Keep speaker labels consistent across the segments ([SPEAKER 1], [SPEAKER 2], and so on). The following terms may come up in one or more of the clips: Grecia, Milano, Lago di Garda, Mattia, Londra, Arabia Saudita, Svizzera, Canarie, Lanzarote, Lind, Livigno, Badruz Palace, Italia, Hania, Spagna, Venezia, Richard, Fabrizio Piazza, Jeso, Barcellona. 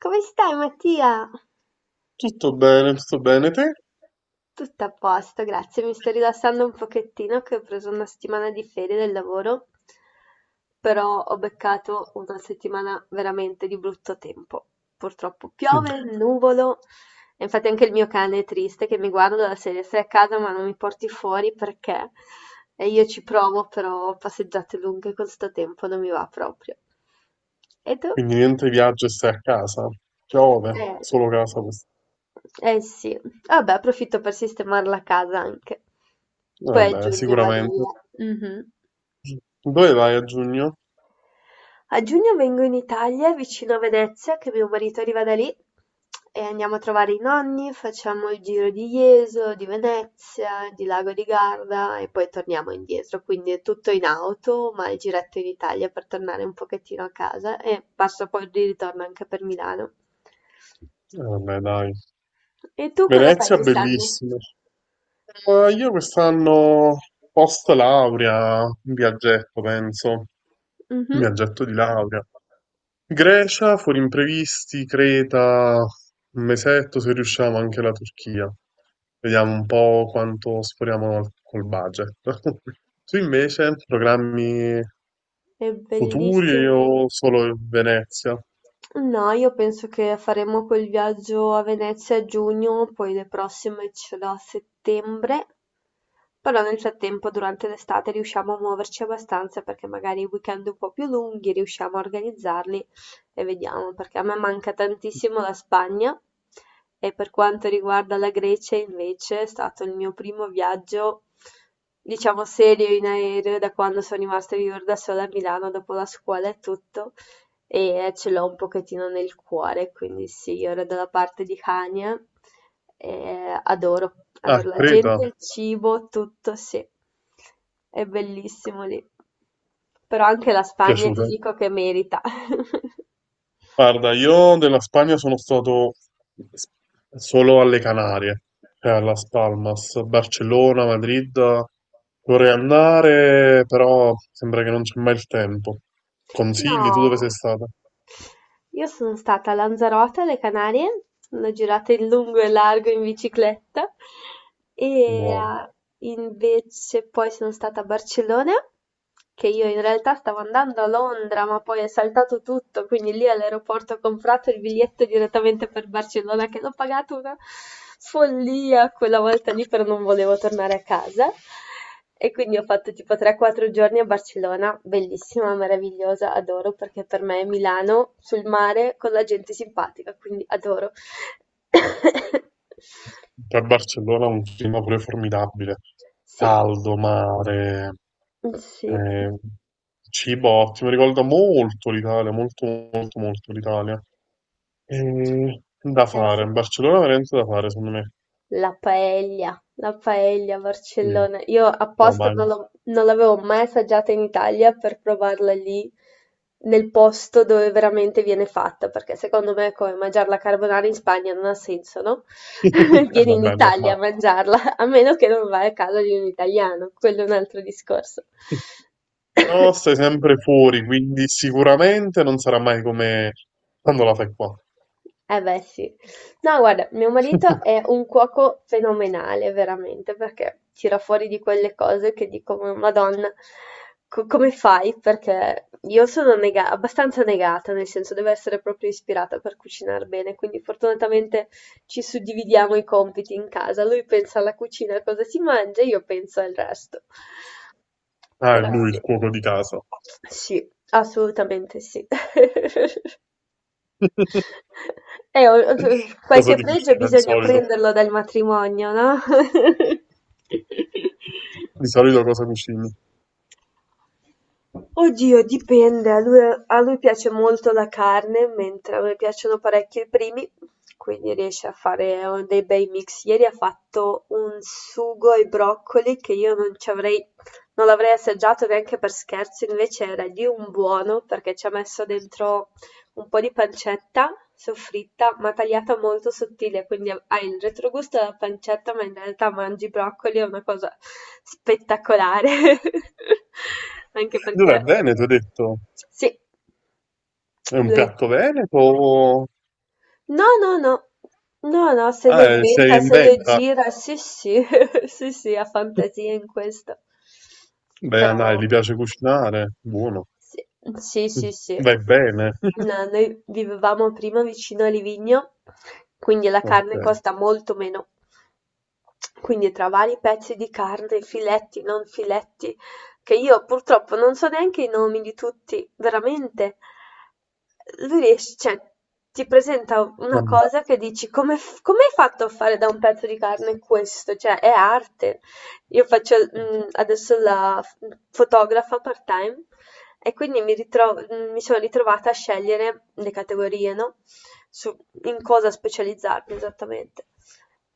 [SPEAKER 1] Come stai, Mattia?
[SPEAKER 2] Tutto bene te?
[SPEAKER 1] Tutto a posto, grazie. Mi sto rilassando un pochettino che ho preso una settimana di ferie del lavoro, però ho beccato una settimana veramente di brutto tempo. Purtroppo
[SPEAKER 2] Mm.
[SPEAKER 1] piove, nuvolo, e infatti anche il mio cane è triste che mi guarda dalla serie, stai a casa ma non mi porti fuori perché? E io ci provo, però passeggiate lunghe con sto tempo non mi va proprio. E tu?
[SPEAKER 2] Quindi niente viaggio e stai a casa. Piove,
[SPEAKER 1] Eh.
[SPEAKER 2] solo casa.
[SPEAKER 1] Eh sì, vabbè, approfitto per sistemare la casa anche. Poi a
[SPEAKER 2] Vabbè,
[SPEAKER 1] giugno vado
[SPEAKER 2] sicuramente.
[SPEAKER 1] via. Mh-mh.
[SPEAKER 2] Dove vai a giugno?
[SPEAKER 1] A giugno vengo in Italia, vicino a Venezia, che mio marito arriva da lì e andiamo a trovare i nonni, facciamo il giro di Jeso, di Venezia, di Lago di Garda e poi torniamo indietro. Quindi è tutto in auto, ma il giretto in Italia per tornare un pochettino a casa e passo poi di ritorno anche per Milano.
[SPEAKER 2] Vabbè, dai.
[SPEAKER 1] E tu cosa fai
[SPEAKER 2] Venezia,
[SPEAKER 1] quest'anno?
[SPEAKER 2] bellissimo. Ma io quest'anno, post laurea, un viaggetto, penso. Un
[SPEAKER 1] Mhm.
[SPEAKER 2] viaggetto di laurea. Grecia, fuori imprevisti, Creta, un mesetto se riusciamo anche la Turchia. Vediamo un po' quanto col budget. Tu invece, programmi
[SPEAKER 1] È
[SPEAKER 2] futuri o
[SPEAKER 1] bellissimo.
[SPEAKER 2] solo Venezia?
[SPEAKER 1] No, io penso che faremo quel viaggio a Venezia a giugno, poi le prossime ce l'ho a settembre, però nel frattempo durante l'estate riusciamo a muoverci abbastanza perché magari i weekend un po' più lunghi riusciamo a organizzarli e vediamo, perché a me manca tantissimo la Spagna e per quanto riguarda la Grecia invece è stato il mio primo viaggio, diciamo serio in aereo da quando sono rimasta a vivere da sola a Milano dopo la scuola e tutto e ce l'ho un pochettino nel cuore, quindi sì, io ero dalla parte di Hania e adoro,
[SPEAKER 2] Ah,
[SPEAKER 1] adoro la
[SPEAKER 2] Creta,
[SPEAKER 1] gente, il cibo, tutto, sì, è bellissimo lì. Però anche la Spagna ti
[SPEAKER 2] piaciuta.
[SPEAKER 1] dico che merita.
[SPEAKER 2] Guarda, io della Spagna sono stato s- solo alle Canarie, cioè a Las Palmas, Barcellona, Madrid. Vorrei andare, però sembra che non c'è mai il tempo. Consigli, tu dove sei
[SPEAKER 1] No,
[SPEAKER 2] stata?
[SPEAKER 1] io sono stata a Lanzarote, alle Canarie, l'ho girata in lungo e largo in bicicletta e
[SPEAKER 2] Wow.
[SPEAKER 1] invece poi sono stata a Barcellona, che io in realtà stavo andando a Londra, ma poi è saltato tutto, quindi lì all'aeroporto ho comprato il biglietto direttamente per Barcellona, che l'ho pagato una follia quella volta lì, però non volevo tornare a casa. E quindi ho fatto tipo 3-4 giorni a Barcellona, bellissima, meravigliosa, adoro perché per me è Milano sul mare con la gente simpatica, quindi adoro.
[SPEAKER 2] Per Barcellona ha un clima pure formidabile.
[SPEAKER 1] Sì,
[SPEAKER 2] Caldo, mare,
[SPEAKER 1] sì,
[SPEAKER 2] eh, cibo ottimo. Ricorda molto l'Italia, molto, molto, molto l'Italia. E da
[SPEAKER 1] eh sì.
[SPEAKER 2] fare, Barcellona è veramente da fare, secondo me.
[SPEAKER 1] La paella a
[SPEAKER 2] Sì.
[SPEAKER 1] Barcellona. Io
[SPEAKER 2] No,
[SPEAKER 1] apposta
[SPEAKER 2] ma...
[SPEAKER 1] non l'avevo mai assaggiata in Italia per provarla lì, nel posto dove veramente viene fatta, perché secondo me è come mangiare la carbonara in Spagna non ha senso, no?
[SPEAKER 2] Eh,
[SPEAKER 1] Vieni in
[SPEAKER 2] vabbè, è
[SPEAKER 1] Italia a
[SPEAKER 2] normale.
[SPEAKER 1] mangiarla, a meno che non vai a casa di un italiano, quello è un altro discorso.
[SPEAKER 2] No, stai sempre fuori, quindi sicuramente non sarà mai come quando la fai qua.
[SPEAKER 1] Eh beh, sì. No, guarda, mio marito è un cuoco fenomenale, veramente, perché tira fuori di quelle cose che dico, "Ma Madonna, come fai? Perché io sono abbastanza negata, nel senso devo essere proprio ispirata per cucinare bene, quindi fortunatamente ci suddividiamo i compiti in casa. Lui pensa alla cucina, a cosa si mangia, io penso al resto.
[SPEAKER 2] Ah, è
[SPEAKER 1] Però
[SPEAKER 2] lui
[SPEAKER 1] sì,
[SPEAKER 2] il cuoco di casa.
[SPEAKER 1] sì, assolutamente sì.
[SPEAKER 2] Cosa
[SPEAKER 1] Qualche
[SPEAKER 2] ti
[SPEAKER 1] pregio
[SPEAKER 2] cucina di
[SPEAKER 1] bisogna
[SPEAKER 2] solito?
[SPEAKER 1] prenderlo dal matrimonio, no?
[SPEAKER 2] Di solito cosa cucini?
[SPEAKER 1] Oddio, dipende. A lui piace molto la carne, mentre a me piacciono parecchio i primi, quindi riesce a fare oh, dei bei mix. Ieri ha fatto un sugo ai broccoli che io non ci avrei, non l'avrei assaggiato neanche per scherzo, invece era lì un buono perché ci ha messo dentro un po' di pancetta, soffritta, ma tagliata molto sottile, quindi ha hai il retrogusto della pancetta, ma in realtà mangi broccoli, è una cosa spettacolare. Anche
[SPEAKER 2] Dov'è
[SPEAKER 1] perché
[SPEAKER 2] Veneto, hai detto?
[SPEAKER 1] sì,
[SPEAKER 2] È un
[SPEAKER 1] lo è.
[SPEAKER 2] piatto veneto?
[SPEAKER 1] No, no, no. No, no, se le
[SPEAKER 2] Ah, sei
[SPEAKER 1] inventa,
[SPEAKER 2] in
[SPEAKER 1] se le
[SPEAKER 2] venta?
[SPEAKER 1] gira, sì, sì, sì, sì, ha fantasia in questo.
[SPEAKER 2] Beh,
[SPEAKER 1] Però,
[SPEAKER 2] dai, gli piace cucinare. Buono.
[SPEAKER 1] sì, sì, sì. Sì.
[SPEAKER 2] Vai bene.
[SPEAKER 1] No, noi vivevamo prima vicino a Livigno, quindi la carne
[SPEAKER 2] Ok.
[SPEAKER 1] costa molto meno. Quindi tra vari pezzi di carne, filetti, non filetti, che io purtroppo non so neanche i nomi di tutti, veramente. Lui riesce, cioè, ti presenta una
[SPEAKER 2] Vabbè.
[SPEAKER 1] cosa che dici come, come hai fatto a fare da un pezzo di carne questo? Cioè, è arte. Io faccio adesso la fotografa part-time e quindi mi sono ritrovata a scegliere le categorie, no? Su in cosa specializzarmi esattamente.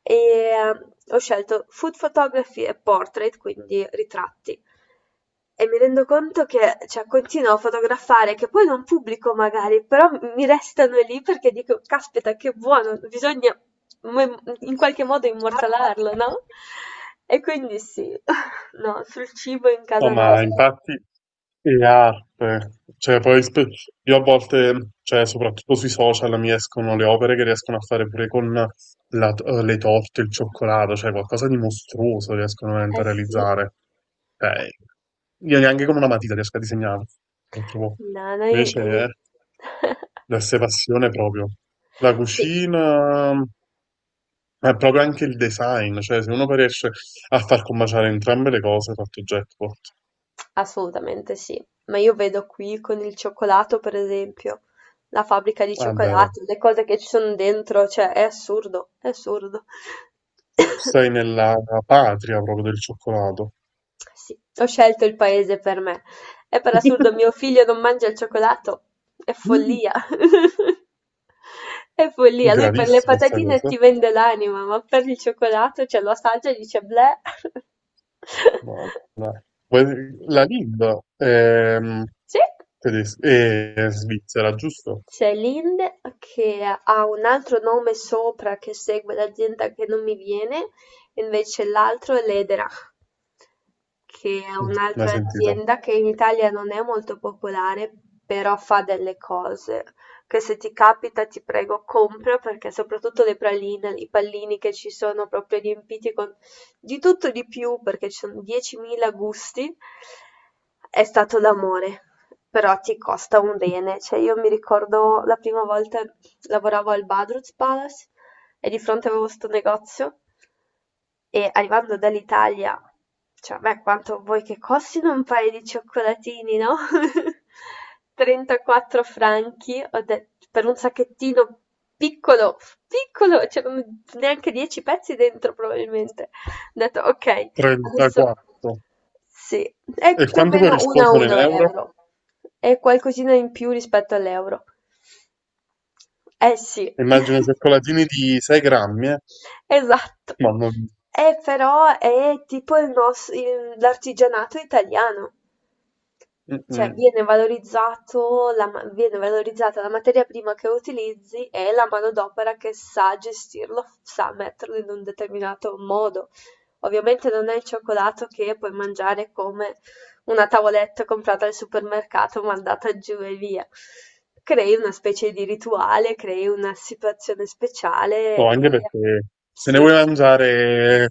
[SPEAKER 1] Ho scelto food photography e portrait, quindi ritratti. E mi rendo conto che, cioè, continuo a fotografare, che poi non pubblico magari, però mi restano lì perché dico, caspita, che buono, bisogna in qualche modo immortalarlo, no? E quindi sì, no, sul cibo in
[SPEAKER 2] No,
[SPEAKER 1] casa
[SPEAKER 2] ma
[SPEAKER 1] nostra.
[SPEAKER 2] infatti le arte, cioè poi spe- io a volte, cioè soprattutto sui social mi escono le opere che riescono a fare pure con le torte, il cioccolato, cioè qualcosa di mostruoso riescono veramente
[SPEAKER 1] Eh
[SPEAKER 2] a
[SPEAKER 1] sì,
[SPEAKER 2] realizzare. Cioè, io neanche con una matita riesco a disegnare, purtroppo.
[SPEAKER 1] no, noi...
[SPEAKER 2] Invece
[SPEAKER 1] eh.
[SPEAKER 2] è l'esse passione proprio. La
[SPEAKER 1] Sì.
[SPEAKER 2] cucina è proprio anche il design, cioè se uno poi riesce a far combaciare entrambe le cose, ha fatto jackpot.
[SPEAKER 1] Assolutamente sì, ma io vedo qui con il cioccolato, per esempio, la fabbrica di
[SPEAKER 2] Vabbè,
[SPEAKER 1] cioccolato, le cose che ci sono dentro, cioè è assurdo, è assurdo.
[SPEAKER 2] stai nella patria proprio del cioccolato.
[SPEAKER 1] Sì, ho scelto il paese per me. E per assurdo mio figlio non mangia il cioccolato, è
[SPEAKER 2] Mm.
[SPEAKER 1] follia. È follia, lui per le
[SPEAKER 2] Gravissima sta
[SPEAKER 1] patatine
[SPEAKER 2] cosa.
[SPEAKER 1] ti vende l'anima, ma per il cioccolato, cioè lo assaggia e dice bleh.
[SPEAKER 2] No. Beh, la Lind è,
[SPEAKER 1] Sì.
[SPEAKER 2] è svizzera, giusto?
[SPEAKER 1] C'è Lind che ha un altro nome sopra che segue l'azienda che non mi viene, invece l'altro è l'Ederach, che è
[SPEAKER 2] Mm, l'hai
[SPEAKER 1] un'altra
[SPEAKER 2] sentito?
[SPEAKER 1] azienda che in Italia non è molto popolare, però fa delle cose che se ti capita ti prego compra perché soprattutto le praline, i pallini che ci sono proprio riempiti con di tutto e di più, perché ci sono 10.000 gusti, è stato l'amore, però ti costa un bene. Cioè, io mi ricordo la prima volta lavoravo al Badruz Palace e di fronte avevo sto negozio e arrivando dall'Italia, cioè, beh, quanto vuoi che costino un paio di cioccolatini, no? 34 franchi, ho detto, per un sacchettino piccolo, piccolo, c'erano neanche 10 pezzi dentro probabilmente. Ho detto ok, adesso
[SPEAKER 2] 34.
[SPEAKER 1] sì, è
[SPEAKER 2] E
[SPEAKER 1] più o
[SPEAKER 2] quanto
[SPEAKER 1] meno 1 a
[SPEAKER 2] corrispondono
[SPEAKER 1] 1
[SPEAKER 2] in euro?
[SPEAKER 1] euro, è qualcosina in più rispetto all'euro. Eh sì,
[SPEAKER 2] Immagino cioccolatini di 6 grammi, eh?
[SPEAKER 1] esatto.
[SPEAKER 2] Ma non-
[SPEAKER 1] Però è tipo l'artigianato italiano.
[SPEAKER 2] mm,
[SPEAKER 1] Cioè
[SPEAKER 2] mm.
[SPEAKER 1] viene valorizzata la materia prima che utilizzi e la manodopera che sa gestirlo, sa metterlo in un determinato modo. Ovviamente non è il cioccolato che puoi mangiare come una tavoletta comprata al supermercato, mandata giù e via. Crei una specie di rituale, crei una situazione speciale
[SPEAKER 2] No, anche
[SPEAKER 1] e
[SPEAKER 2] perché se ne
[SPEAKER 1] sì.
[SPEAKER 2] vuoi mangiare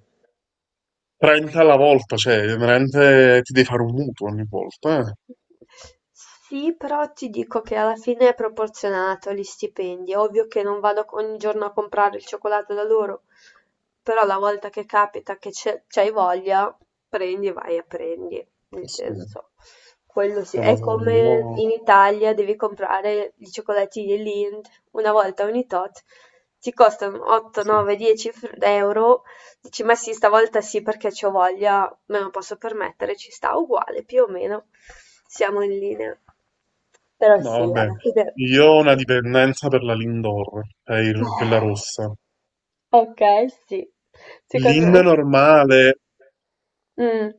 [SPEAKER 2] 30 alla volta, cioè, veramente ti devi fare un mutuo ogni volta, eh?
[SPEAKER 1] Sì, però ti dico che alla fine è proporzionato gli stipendi. È ovvio che non vado ogni giorno a comprare il cioccolato da loro, però la volta che capita che c'hai voglia, prendi, vai e prendi. Nel
[SPEAKER 2] Sì, non
[SPEAKER 1] senso, quello sì.
[SPEAKER 2] lo
[SPEAKER 1] È
[SPEAKER 2] so,
[SPEAKER 1] come
[SPEAKER 2] io...
[SPEAKER 1] in Italia devi comprare i cioccolatini Lind una volta ogni tot. Ti costano 8,
[SPEAKER 2] sì.
[SPEAKER 1] 9, 10 euro. Dici, ma sì, stavolta sì perché c'ho voglia, me lo posso permettere, ci sta uguale, più o meno siamo in linea. Però
[SPEAKER 2] No,
[SPEAKER 1] sì,
[SPEAKER 2] vabbè,
[SPEAKER 1] alla fine...
[SPEAKER 2] io ho una dipendenza per la Lindor, quella
[SPEAKER 1] eh.
[SPEAKER 2] rossa.
[SPEAKER 1] Ok, sì. Secondo
[SPEAKER 2] Linda
[SPEAKER 1] me?
[SPEAKER 2] normale,
[SPEAKER 1] Mm.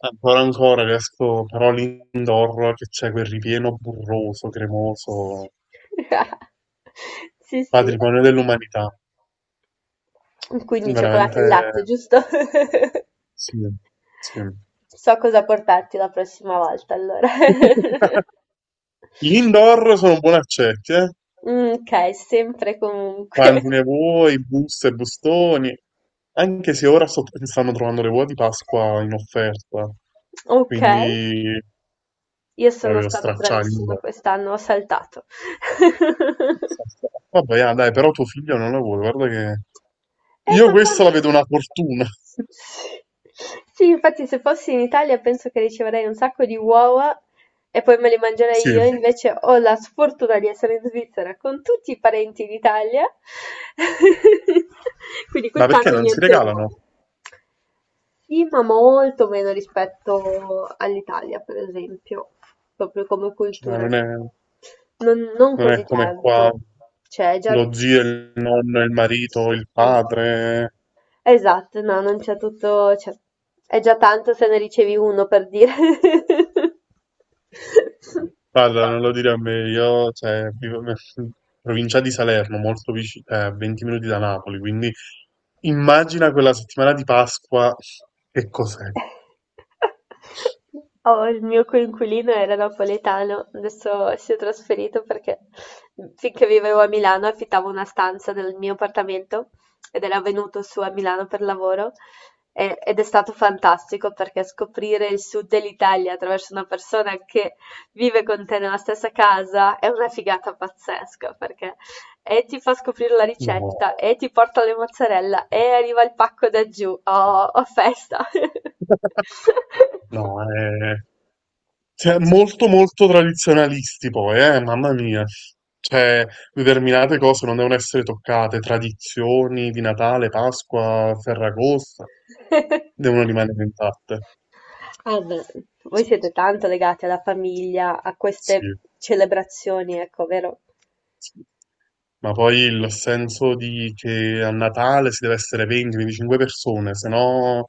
[SPEAKER 2] ancora riesco, però Lindor che c'è quel ripieno burroso, cremoso,
[SPEAKER 1] Sì, sì.
[SPEAKER 2] patrimonio dell'umanità.
[SPEAKER 1] Quindi cioccolato
[SPEAKER 2] Veramente
[SPEAKER 1] e latte, giusto?
[SPEAKER 2] sì, sì.
[SPEAKER 1] So cosa portarti la prossima volta, allora.
[SPEAKER 2] L'Indoor sono buoni accetti, eh?
[SPEAKER 1] Mm, ok, sempre comunque.
[SPEAKER 2] Quanti ne vuoi, buste, bustoni. Anche se ora stanno trovando le uova di Pasqua in offerta,
[SPEAKER 1] Ok.
[SPEAKER 2] quindi
[SPEAKER 1] Io sono
[SPEAKER 2] proprio
[SPEAKER 1] stata
[SPEAKER 2] stracciare.
[SPEAKER 1] bravissima quest'anno, ho saltato.
[SPEAKER 2] Vabbè, ah, dai, però tuo figlio non la vuole, guarda che... Io
[SPEAKER 1] Ma
[SPEAKER 2] questa la vedo
[SPEAKER 1] tanto-
[SPEAKER 2] una fortuna.
[SPEAKER 1] Sì. Sì, infatti se fossi in Italia penso che riceverei un sacco di uova e poi me le
[SPEAKER 2] Sì,
[SPEAKER 1] mangerei io, invece ho la sfortuna di essere in Svizzera con tutti i parenti in Italia, quindi
[SPEAKER 2] ma perché
[SPEAKER 1] quest'anno
[SPEAKER 2] non si
[SPEAKER 1] niente uova.
[SPEAKER 2] regalano?
[SPEAKER 1] Sì, ma molto meno rispetto all'Italia, per esempio, proprio come
[SPEAKER 2] Cioè,
[SPEAKER 1] cultura. Non, non
[SPEAKER 2] non
[SPEAKER 1] così
[SPEAKER 2] è come qua
[SPEAKER 1] tanto. C'è già...
[SPEAKER 2] lo zio, il nonno, il marito, il
[SPEAKER 1] Mm.
[SPEAKER 2] padre.
[SPEAKER 1] Esatto, no, non c'è tutto... cioè, è già tanto se ne ricevi uno, per dire.
[SPEAKER 2] Guarda, non lo dire a me, io cioè, vivo in provincia di Salerno, molto vicino, a 20 minuti da Napoli, quindi immagina quella settimana di Pasqua che cos'è.
[SPEAKER 1] Ho il mio coinquilino era napoletano, adesso si è trasferito perché finché vivevo a Milano affittavo una stanza del mio appartamento ed era venuto su a Milano per lavoro ed è stato fantastico perché scoprire il sud dell'Italia attraverso una persona che vive con te nella stessa casa è una figata pazzesca perché e ti fa scoprire la
[SPEAKER 2] No,
[SPEAKER 1] ricetta, e ti porta le mozzarella, e arriva il pacco da giù. Oh, oh, festa!
[SPEAKER 2] no, è Cioè, molto molto tradizionalisti poi, mamma mia. Cioè, determinate cose non devono essere toccate, tradizioni di Natale, Pasqua, Ferragosto, devono rimanere intatte.
[SPEAKER 1] Ah, beh, voi
[SPEAKER 2] Sì,
[SPEAKER 1] siete tanto legati alla famiglia, a
[SPEAKER 2] sì,
[SPEAKER 1] queste celebrazioni, ecco, vero?
[SPEAKER 2] sì. Ma poi il senso di che a Natale si deve essere 20-25 persone, se no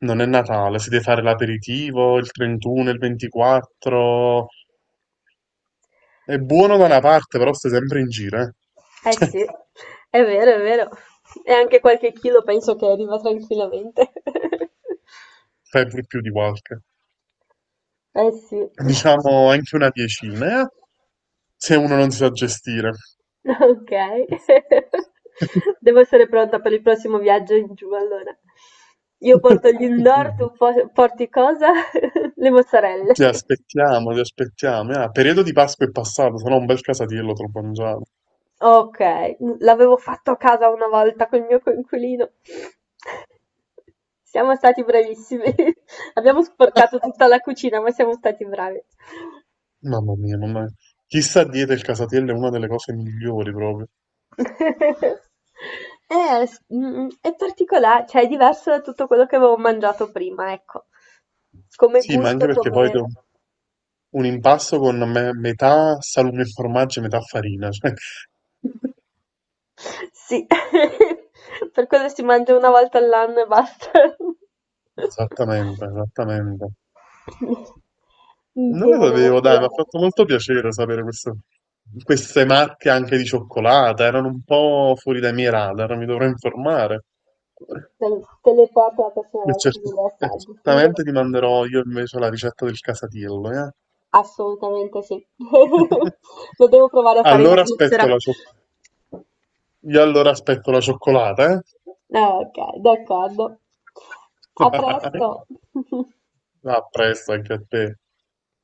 [SPEAKER 2] non è Natale, si deve fare l'aperitivo, il 31, il 24. È buono da una parte, però stai sempre in giro, eh.
[SPEAKER 1] Eh sì, è vero, è vero. E anche qualche chilo penso che arriva tranquillamente.
[SPEAKER 2] Sempre più di qualche.
[SPEAKER 1] Eh sì.
[SPEAKER 2] Diciamo anche una diecina, se uno non si sa gestire.
[SPEAKER 1] Ok, devo essere pronta per il prossimo viaggio in giù allora. Io porto gli indoor, tu porti cosa? Le mozzarelle.
[SPEAKER 2] Ti aspettiamo, ti aspettiamo. Ah, periodo di Pasqua è passato, se no un bel casatiello te lo mangiavo.
[SPEAKER 1] Ok, l'avevo fatto a casa una volta col mio coinquilino. Siamo stati bravissimi. Abbiamo sporcato tutta la cucina, ma siamo stati bravi.
[SPEAKER 2] Mamma mia, mamma mia. Chissà dieta il casatiello è una delle cose migliori proprio.
[SPEAKER 1] È particolare, cioè è diverso da tutto quello che avevo mangiato prima, ecco. Come
[SPEAKER 2] Sì, ma
[SPEAKER 1] gusto,
[SPEAKER 2] anche perché
[SPEAKER 1] come...
[SPEAKER 2] un impasto con metà salume e formaggio e metà farina. Cioè.
[SPEAKER 1] Sì, per quello si mangia una volta all'anno e basta.
[SPEAKER 2] Esattamente, esattamente. Non lo
[SPEAKER 1] Bene,
[SPEAKER 2] sapevo,
[SPEAKER 1] sì,
[SPEAKER 2] dai, mi ha fatto
[SPEAKER 1] eh.
[SPEAKER 2] molto piacere sapere queste marche anche di cioccolata, erano un po' fuori dai miei radar, mi dovrò informare.
[SPEAKER 1] te, te le porto la prossima
[SPEAKER 2] E
[SPEAKER 1] volta che
[SPEAKER 2] cert-
[SPEAKER 1] mi le
[SPEAKER 2] e
[SPEAKER 1] assaggi. Sì,
[SPEAKER 2] certamente ti manderò io invece la ricetta del casatiello, eh?
[SPEAKER 1] assolutamente sì. Lo devo provare a fare in
[SPEAKER 2] Allora
[SPEAKER 1] Svizzera.
[SPEAKER 2] io allora aspetto la cioccolata, eh?
[SPEAKER 1] Ah, ok, d'accordo. A presto.
[SPEAKER 2] A presto anche a te.